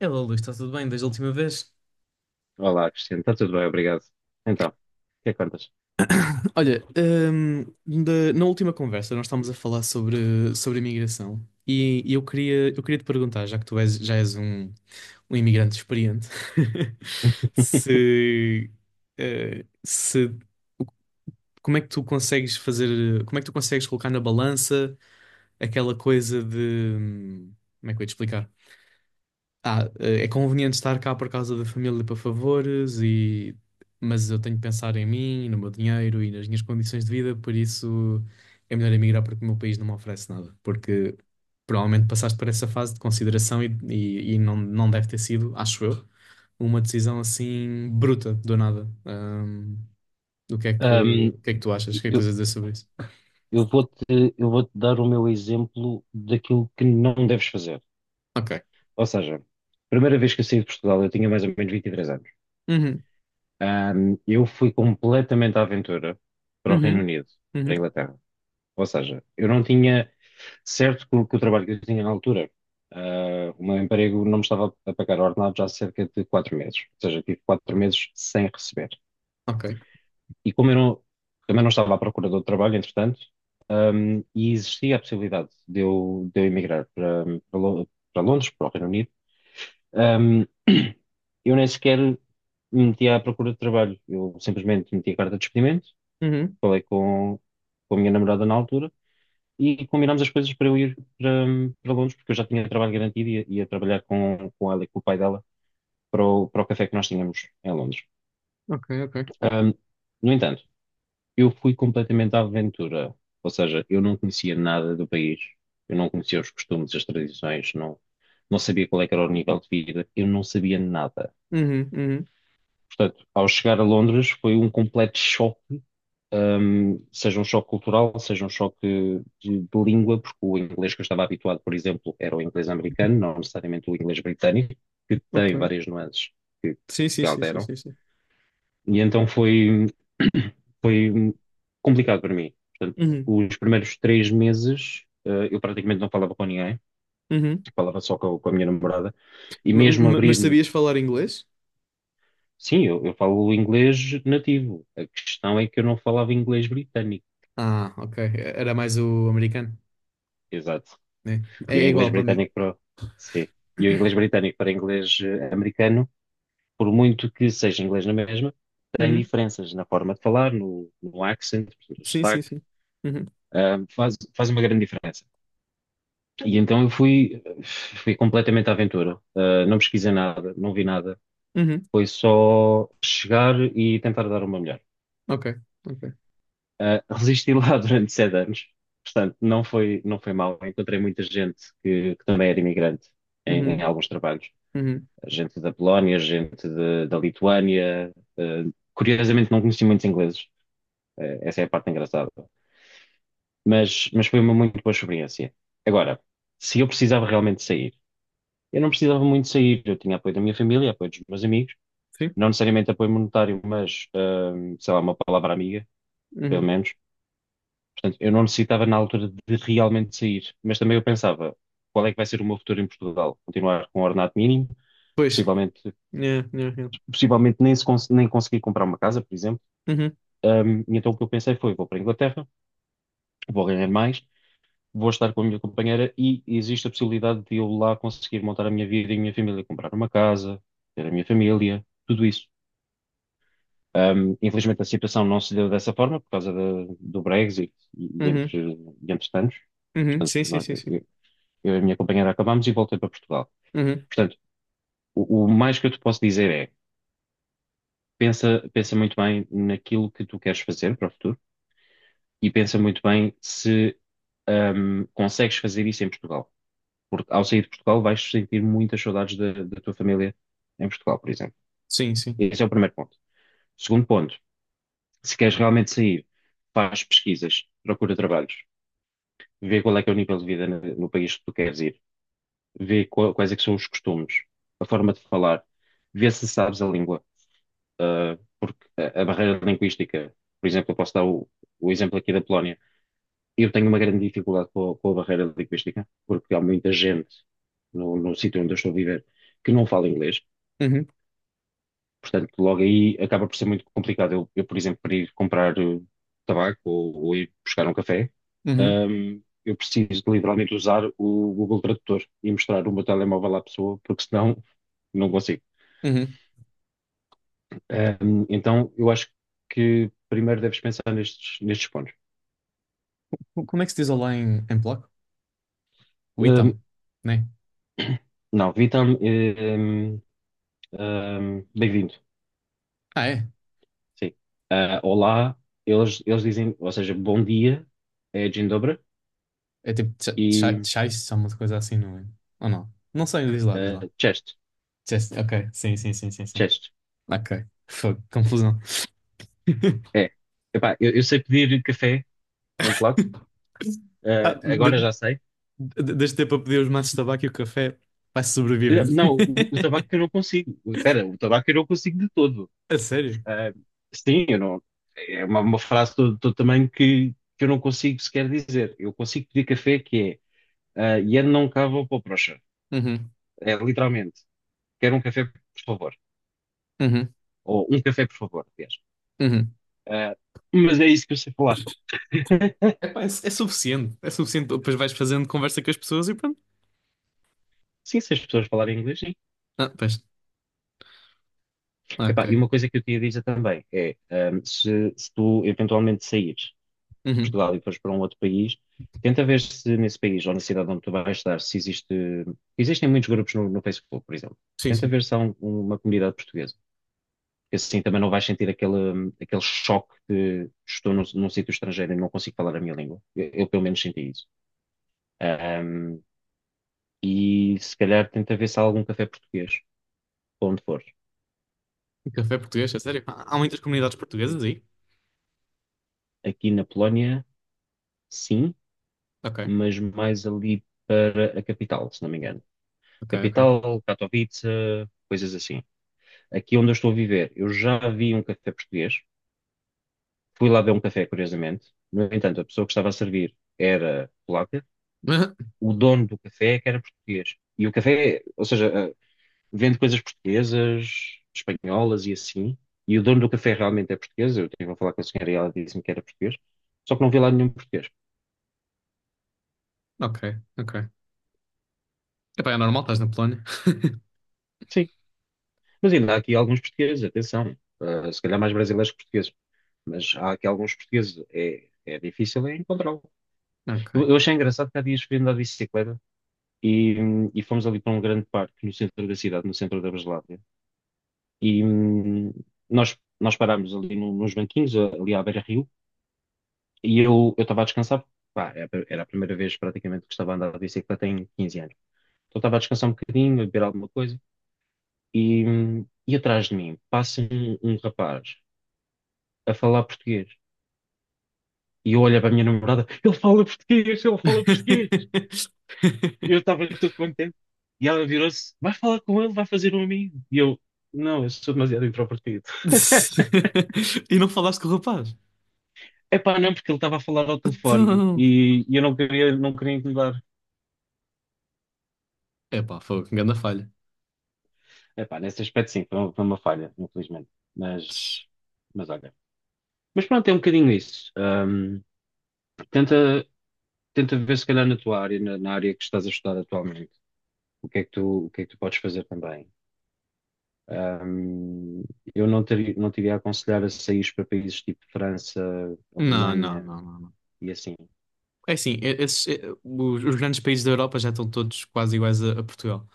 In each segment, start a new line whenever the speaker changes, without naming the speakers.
Hello, Luís, está tudo bem desde a última vez?
Olá, Cristiano. Está tudo bem, obrigado. Então, o que é que contas?
Olha, na última conversa nós estávamos a falar sobre imigração e eu queria te perguntar, já que já és um imigrante experiente, se, eh, se como é que tu consegues fazer, como é que tu consegues colocar na balança aquela coisa de, hum, como é que eu ia te explicar? É conveniente estar cá por causa da família para favores e mas eu tenho que pensar em mim, no meu dinheiro e nas minhas condições de vida, por isso é melhor emigrar porque o meu país não me oferece nada, porque provavelmente passaste por essa fase de consideração e não, não deve ter sido, acho eu, uma decisão assim bruta, do nada. O que é que,
Ahm,
o que é que tu achas? O que é que
eu,
tens a dizer sobre isso?
eu vou-te, eu vou-te dar o meu exemplo daquilo que não deves fazer.
Ok.
Ou seja, primeira vez que eu saí de Portugal, eu tinha mais ou menos 23 anos.
Uhum,
Eu fui completamente à aventura para o Reino
uhum,
Unido, para
uhum,
a Inglaterra. Ou seja, eu não tinha certo que o trabalho que eu tinha na altura, o meu emprego não me estava a pagar ordenado já há cerca de 4 meses. Ou seja, tive 4 meses sem receber.
ok.
E como eu não, também não estava à procura de outro trabalho, entretanto, e existia a possibilidade de eu emigrar para Londres, para o Reino Unido, hum, eu nem sequer me meti à procura de trabalho. Eu simplesmente meti a carta de despedimento,
Uhum,
falei com a minha namorada na altura e combinámos as coisas para eu ir para Londres, porque eu já tinha trabalho garantido e ia trabalhar com ela e com o pai dela para o café que nós tínhamos em Londres.
ok, ok.
Hum, no entanto, eu fui completamente à aventura. Ou seja, eu não conhecia nada do país, eu não conhecia os costumes, as tradições, não sabia qual é que era o nível de vida, eu não sabia nada.
Uhum, uhum,
Portanto, ao chegar a Londres foi um completo choque, seja um choque cultural, seja um choque de língua, porque o inglês que eu estava habituado, por exemplo, era o inglês americano, não necessariamente o inglês britânico, que
ok.
tem várias nuances que,
Sim, sim,
que
sim, sim,
alteram.
sim, sim.
E então foi, foi complicado para mim.
Uhum,
Os primeiros 3 meses, eu praticamente não falava com ninguém,
uhum.
falava só com a minha namorada, e mesmo
Mas
abrir-me,
sabias falar inglês?
sim, eu falo inglês nativo, a questão é que eu não falava inglês britânico,
Ah, ok. Era mais o americano,
exato,
né? É
e o
é
inglês
igual para mim.
britânico para, sim, e o inglês britânico para inglês americano, por muito que seja inglês na mesma, tem
Uhum.
diferenças na forma de falar, no accent, no
Sim, sim,
sotaque,
sim. Uhum.
ah, faz uma grande diferença. E então eu fui, fui completamente à aventura. Não pesquisei nada, não vi nada.
Uhum.
Foi só chegar e tentar dar uma melhor.
Ok, ok.
Resisti lá durante 7 anos, portanto, não foi mal. Encontrei muita gente que também era imigrante em
Uhum.
alguns trabalhos.
Uhum.
Gente da Polónia, gente da Lituânia. Ah, Curiosamente, não conheci muitos ingleses. Essa é a parte engraçada. Mas foi uma muito boa experiência. Agora, se eu precisava realmente sair, eu não precisava muito sair. Eu tinha apoio da minha família, apoio dos meus amigos,
Sim.
não necessariamente apoio monetário, mas, sei lá, uma palavra amiga pelo
Uhum.
menos. Portanto, eu não necessitava na altura de realmente sair, mas também eu pensava, qual é que vai ser o meu futuro em Portugal? Continuar com um ordenado mínimo,
Pois.
possivelmente,
Yeah, yeah, yeah.
possivelmente nem, se cons- nem conseguir comprar uma casa, por exemplo.
Uhum.
E então o que eu pensei foi, vou para a Inglaterra, vou ganhar mais, vou estar com a minha companheira e existe a possibilidade de eu lá conseguir montar a minha vida e a minha família, comprar uma casa, ter a minha família, tudo isso. Infelizmente a situação não se deu dessa forma por causa do Brexit e, e
Uhum.
entre, e entre tantos.
Uhum.
Portanto,
Sim, sim, sim, sim.
eu e a minha companheira acabámos e voltei para Portugal.
Uhum.
Portanto, o mais que eu te posso dizer é, pensa muito bem naquilo que tu queres fazer para o futuro e pensa muito bem se consegues fazer isso em Portugal. Porque ao sair de Portugal vais sentir muitas saudades da tua família em Portugal, por exemplo.
Sim, sim.
Esse é o primeiro ponto. Segundo ponto, se queres realmente sair, faz pesquisas, procura trabalhos, vê qual é que é o nível de vida no país que tu queres ir, vê quais é que são os costumes, a forma de falar, vê se sabes a língua. Porque a barreira linguística, por exemplo, eu posso dar o exemplo aqui da Polónia. Eu tenho uma grande dificuldade com a barreira linguística, porque há muita gente no sítio onde eu estou a viver que não fala inglês.
Uhum.
Portanto, logo aí acaba por ser muito complicado. Eu por exemplo, para ir comprar tabaco ou ir buscar um café,
Uhum.
eu preciso de literalmente usar o Google Tradutor e mostrar o meu telemóvel à pessoa, porque senão não consigo.
Uhum.
Então, eu acho que primeiro deves pensar nestes, nestes pontos.
Como é que se diz olá em polaco?
Ahm,
Witam, né?
não, Vitam, bem-vindo.
Ah, é?
Sim. Olá, eles dizem, ou seja, bom dia, é Dzień dobry,
É tipo
e
tchau, uma coisa assim, não é? Ou não? Não sei, diz lá, diz lá.
cześć,
Ok, sim, sim, sim, sim, sim.
cześć.
Ok. Fogo, confusão.
É. Epá, eu sei pedir café em polaco,
Ah,
agora já sei.
deste tempo a pedir os maços de tabaco e o café, vai sobrevivendo.
Não, o tabaco eu não consigo. Espera, o tabaco eu não consigo de todo.
A sério?
Ah, sim, eu não, é uma frase do tamanho que eu não consigo sequer dizer. Eu consigo pedir café que é "Yen não cava ou procha.
Uhum,
É literalmente, quero um café, por favor.
uhum,
Ou um café, por favor, aliás.
uhum.
Ah, mas é isso que eu sei falar.
Epá, é, é suficiente. É suficiente. Depois vais fazendo conversa com as pessoas e pronto.
Sim, se as pessoas falarem inglês, sim.
Ah, pois. Ah,
Epá,
ok.
e uma coisa que eu te ia dizer também é, se tu eventualmente saíres
Uhum.
Portugal e fores para um outro país, tenta ver se nesse país ou na cidade onde tu vais estar, se existe. Existem muitos grupos no Facebook, por exemplo.
Sim,
Tenta
sim.
ver se há uma comunidade portuguesa. Porque assim também não vais sentir aquele choque de estou num sítio estrangeiro e não consigo falar a minha língua. Eu pelo menos senti isso. Ahm, e se calhar tenta ver se há algum café português, para onde for.
E café português, é sério? Há há muitas comunidades
Sim.
portuguesas aí?
Aqui na Polónia, sim,
Ok,
mas mais ali para a capital, se não me engano.
ok, ok.
Capital, Katowice, coisas assim. Aqui onde eu estou a viver, eu já vi um café português, fui lá ver um café, curiosamente. No entanto, a pessoa que estava a servir era polaca, o dono do café é que era português. E o café, ou seja, vende coisas portuguesas, espanholas e assim. E o dono do café realmente é português. Eu estive a falar com a senhora e ela disse-me que era português. Só que não vi lá nenhum português.
Ok, ok. Epá, é normal, estás na Polónia.
Sim, mas ainda há aqui alguns portugueses, atenção. Se calhar mais brasileiros que portugueses. Mas há aqui alguns portugueses. É difícil é encontrá-lo.
Ok.
Eu achei engraçado que há dias fui andar de bicicleta, e fomos ali para um grande parque no centro da cidade, no centro da Breslávia. E nós parámos ali nos banquinhos, ali à beira-rio, e eu estava a descansar. Pá, era a primeira vez praticamente que estava a andar de bicicleta em 15 anos. Então estava a descansar um bocadinho, a beber alguma coisa, e atrás de mim passa um rapaz a falar português. E eu olho para a minha namorada, ele fala português, ele fala português. Eu estava todo contente. E ela virou-se: vai falar com ele, vai fazer um amigo. E eu: não, eu sou demasiado introvertido.
E não falaste com o rapaz?
Epá, não, porque ele estava a falar ao telefone
Então.
e eu não queria incomodar.
Epá, foi que grande falha.
Epá, nesse aspecto, sim, foi uma falha, infelizmente. Mas, mas olha. Mas pronto, é um bocadinho isso. Tenta, tenta ver, se calhar, na tua área, na área que estás a estudar atualmente, o que é que tu, o que é que tu podes fazer também. Ahm, eu não teria, Não te iria aconselhar a sair para países tipo França,
Não, não,
Alemanha,
não, não, não.
e assim.
É assim, os grandes países da Europa já estão todos quase iguais a Portugal.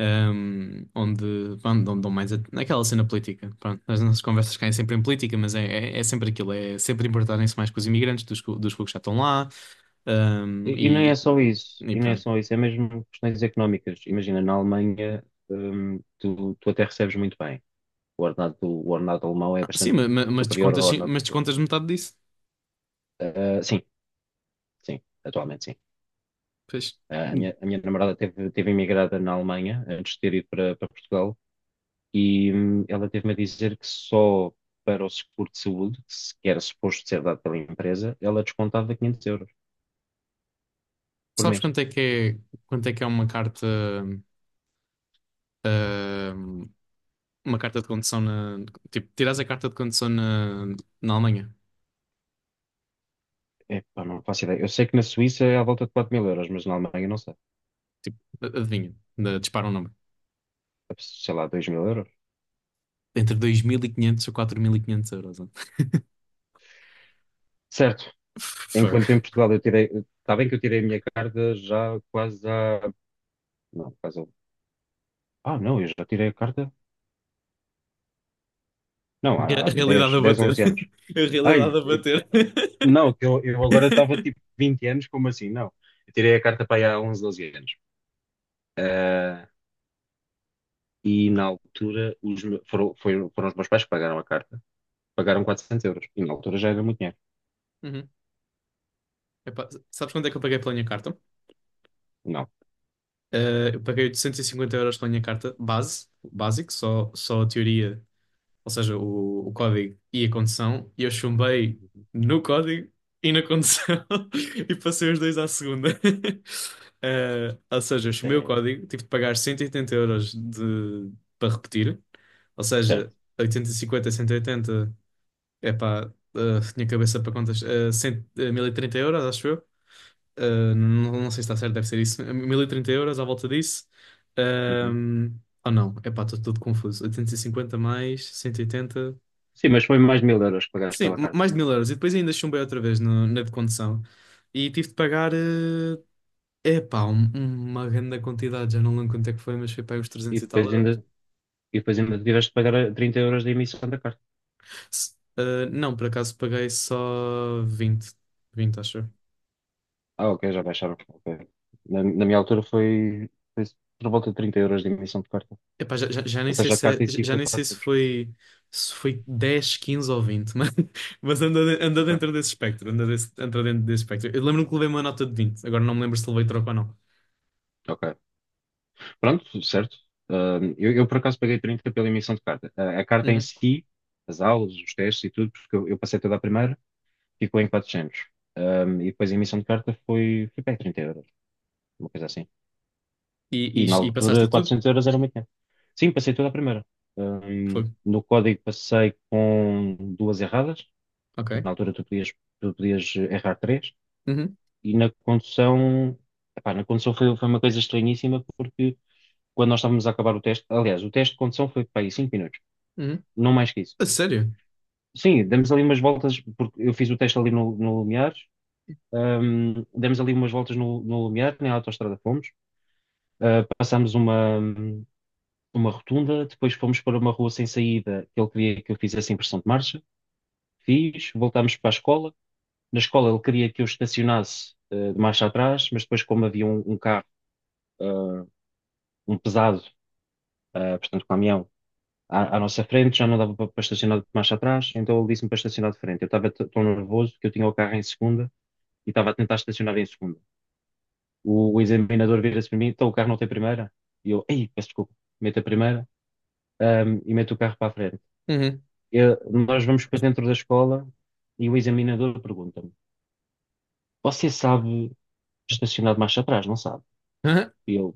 Onde, pronto, dão dão mais naquela cena política. Pronto, as nossas conversas caem sempre em política, mas é, é sempre aquilo, é sempre importarem-se mais com os imigrantes dos que já estão lá. Ahm,
E não é
e,
só
e-
isso,
e
e não é
pronto.
só isso, é mesmo questões económicas. Imagina, na Alemanha, tu até recebes muito bem. O ordenado alemão é
Ah, sim,
bastante
mas,
superior
descontas,
ao
sim,
ordenado
mas
português.
descontas metade disso.
Ah, sim, sim, atualmente sim.
Pois.
A minha namorada teve imigrada na Alemanha antes de ter ido para Portugal e ela teve-me a dizer que só para o seguro de saúde, que que era suposto ser dado pela empresa, ela descontava 500 euros por
Sabes
mês.
quanto é que é, quanto é que é ahm, uma carta de condução tipo, tiras a carta de condução na Alemanha?
Epá, não faço ideia. Eu sei que na Suíça é à volta de 4 mil euros, mas na Alemanha não sei.
Tipo, adivinha, dispara um número.
Sei lá, 2 mil euros.
Entre 2.500 ou 4.500 euros. Ó.
Certo.
Fogo.
Enquanto em Portugal eu tirei. Está bem que eu tirei a minha carta já quase há. Não, quase. Ah, não, eu já tirei a carta. Não, há
Realidade
10
a
10,
bater.
11 anos.
A realidade
Ai,
a bater.
não, que eu agora estava tipo 20 anos, como assim? Não. Eu tirei a carta para aí há 11, 12 anos. Ah, e na altura os, me- foram, foi- foram os meus pais que pagaram a carta. Pagaram 400 euros. E na altura já era muito dinheiro.
Uhum. Epá, sabes quanto é que eu paguei pela minha carta?
Não.
Eu paguei 850 euros pela minha carta base, básico, só a teoria ou seja, o código e a condução, e eu chumbei no código e na condução e passei os dois à segunda. Ou seja, eu chumei o
É,
código, tive de pagar 180 euros de, para repetir, ou seja,
certo.
850, 180, é pá, tinha cabeça para contas, 1030 euros, acho eu. Eh, não, não sei se está certo, deve ser isso. 1030 euros à volta disso.
Uhum.
Ahm, ou não, é pá, estou todo confuso. 850 mais 180.
Sim, mas foi mais 1.000 euros que pagaste
Sim,
pela carta,
mais de
sim.
1.000 euros. E depois ainda chumbei outra vez na de condução. E tive de pagar, é epá, uma grande quantidade. Já não lembro quanto é que foi, mas foi para aí uns
E
300 e tal
depois ainda,
euros.
e depois ainda tiveste de pagar a 30 euros de emissão da carta.
Não, por acaso paguei só 20 acho eu.
Ah, ok, já baixaram. Ok. Na minha altura foi por volta de 30 euros de emissão de carta.
Epá, já nem
Ou
sei
seja, a
se é-
carta em si
já
foi
nem sei se
400.
foi, se foi 10 15 ou 20 mas, mas anda, anda
Ok,
dentro desse espectro. Anda, anda dentro desse espectro. Eu lembro-me que levei uma nota de 20. Agora não me lembro se levei troco ou não.
ok. Pronto, certo. Ah, eu, por acaso paguei 30 pela emissão de carta. A carta em
Uhum.
si, as aulas, os testes e tudo, porque eu passei toda a primeira, ficou em 400. Ah, e depois a emissão de carta foi para aí 30 euros, uma coisa assim. E na
E passaste a
altura
tudo?
400 euros era muito dinheiro. Sim, passei toda a primeira.
Foi.
No código passei com duas erradas.
Ok.
Na altura tu podias errar três.
Uhum,
E na condução, epá, na condução foi uma coisa estranhíssima porque quando nós estávamos a acabar o teste, aliás, o teste de condução foi para aí 5 minutos,
uhum.
não mais que isso.
A sério?
Sim, demos ali umas voltas, porque eu fiz o teste ali no Lumiares, demos ali umas voltas no Lumiar, na autoestrada fomos, passámos uma rotunda, depois fomos para uma rua sem saída, que ele queria que eu fizesse impressão de marcha, fiz, voltámos para a escola, na escola ele queria que eu estacionasse de marcha atrás, mas depois como havia um carro, ah, um pesado, portanto caminhão, à nossa frente, já não dava para estacionar de marcha atrás, então ele disse-me para estacionar de frente. Eu estava tão nervoso que eu tinha o carro em segunda e estava a tentar estacionar em segunda. O examinador vira-se para mim, então o carro não tem primeira? E eu, ei, peço desculpa, mete a primeira, e mete o carro para a frente.
Uhum.
Nós vamos para dentro da escola e o examinador pergunta-me: Você sabe estacionar de marcha atrás, não sabe?
Aham.
E eu: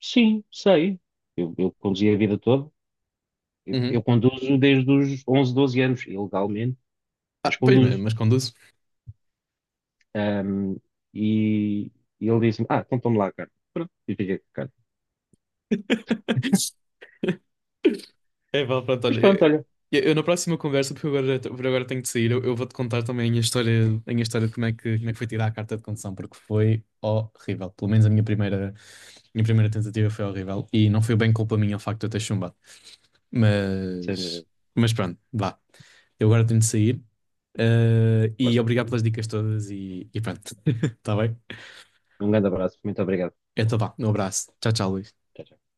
Sim, sei. Eu conduzi a vida toda. Eu,
Uhum.
eu conduzo desde os 11, 12 anos, ilegalmente, mas
Ah, pois,
conduzo.
mas conduzo.
Ahm, e, e ele disse-me: Ah, então toma lá a carta. Pronto, eu fiquei com a carta.
É, vale, pronto,
Mas
olha.
pronto,
Eu,
olha,
eu na próxima conversa, porque agora, por agora tenho de sair, eu vou-te contar também a minha história de como é que foi tirar a carta de condução, porque foi horrível. Pelo menos minha primeira tentativa foi horrível e não foi bem culpa minha o facto de eu ter chumbado.
sem
Mas,
eh,
mas pronto, vá. Eu agora tenho de sair. Eh, e
força.
obrigado pelas dicas todas e pronto. Tá bem?
Um grande abraço, muito obrigado.
Então vá, um abraço. Tchau, tchau, Luís.
Tchau, tchau.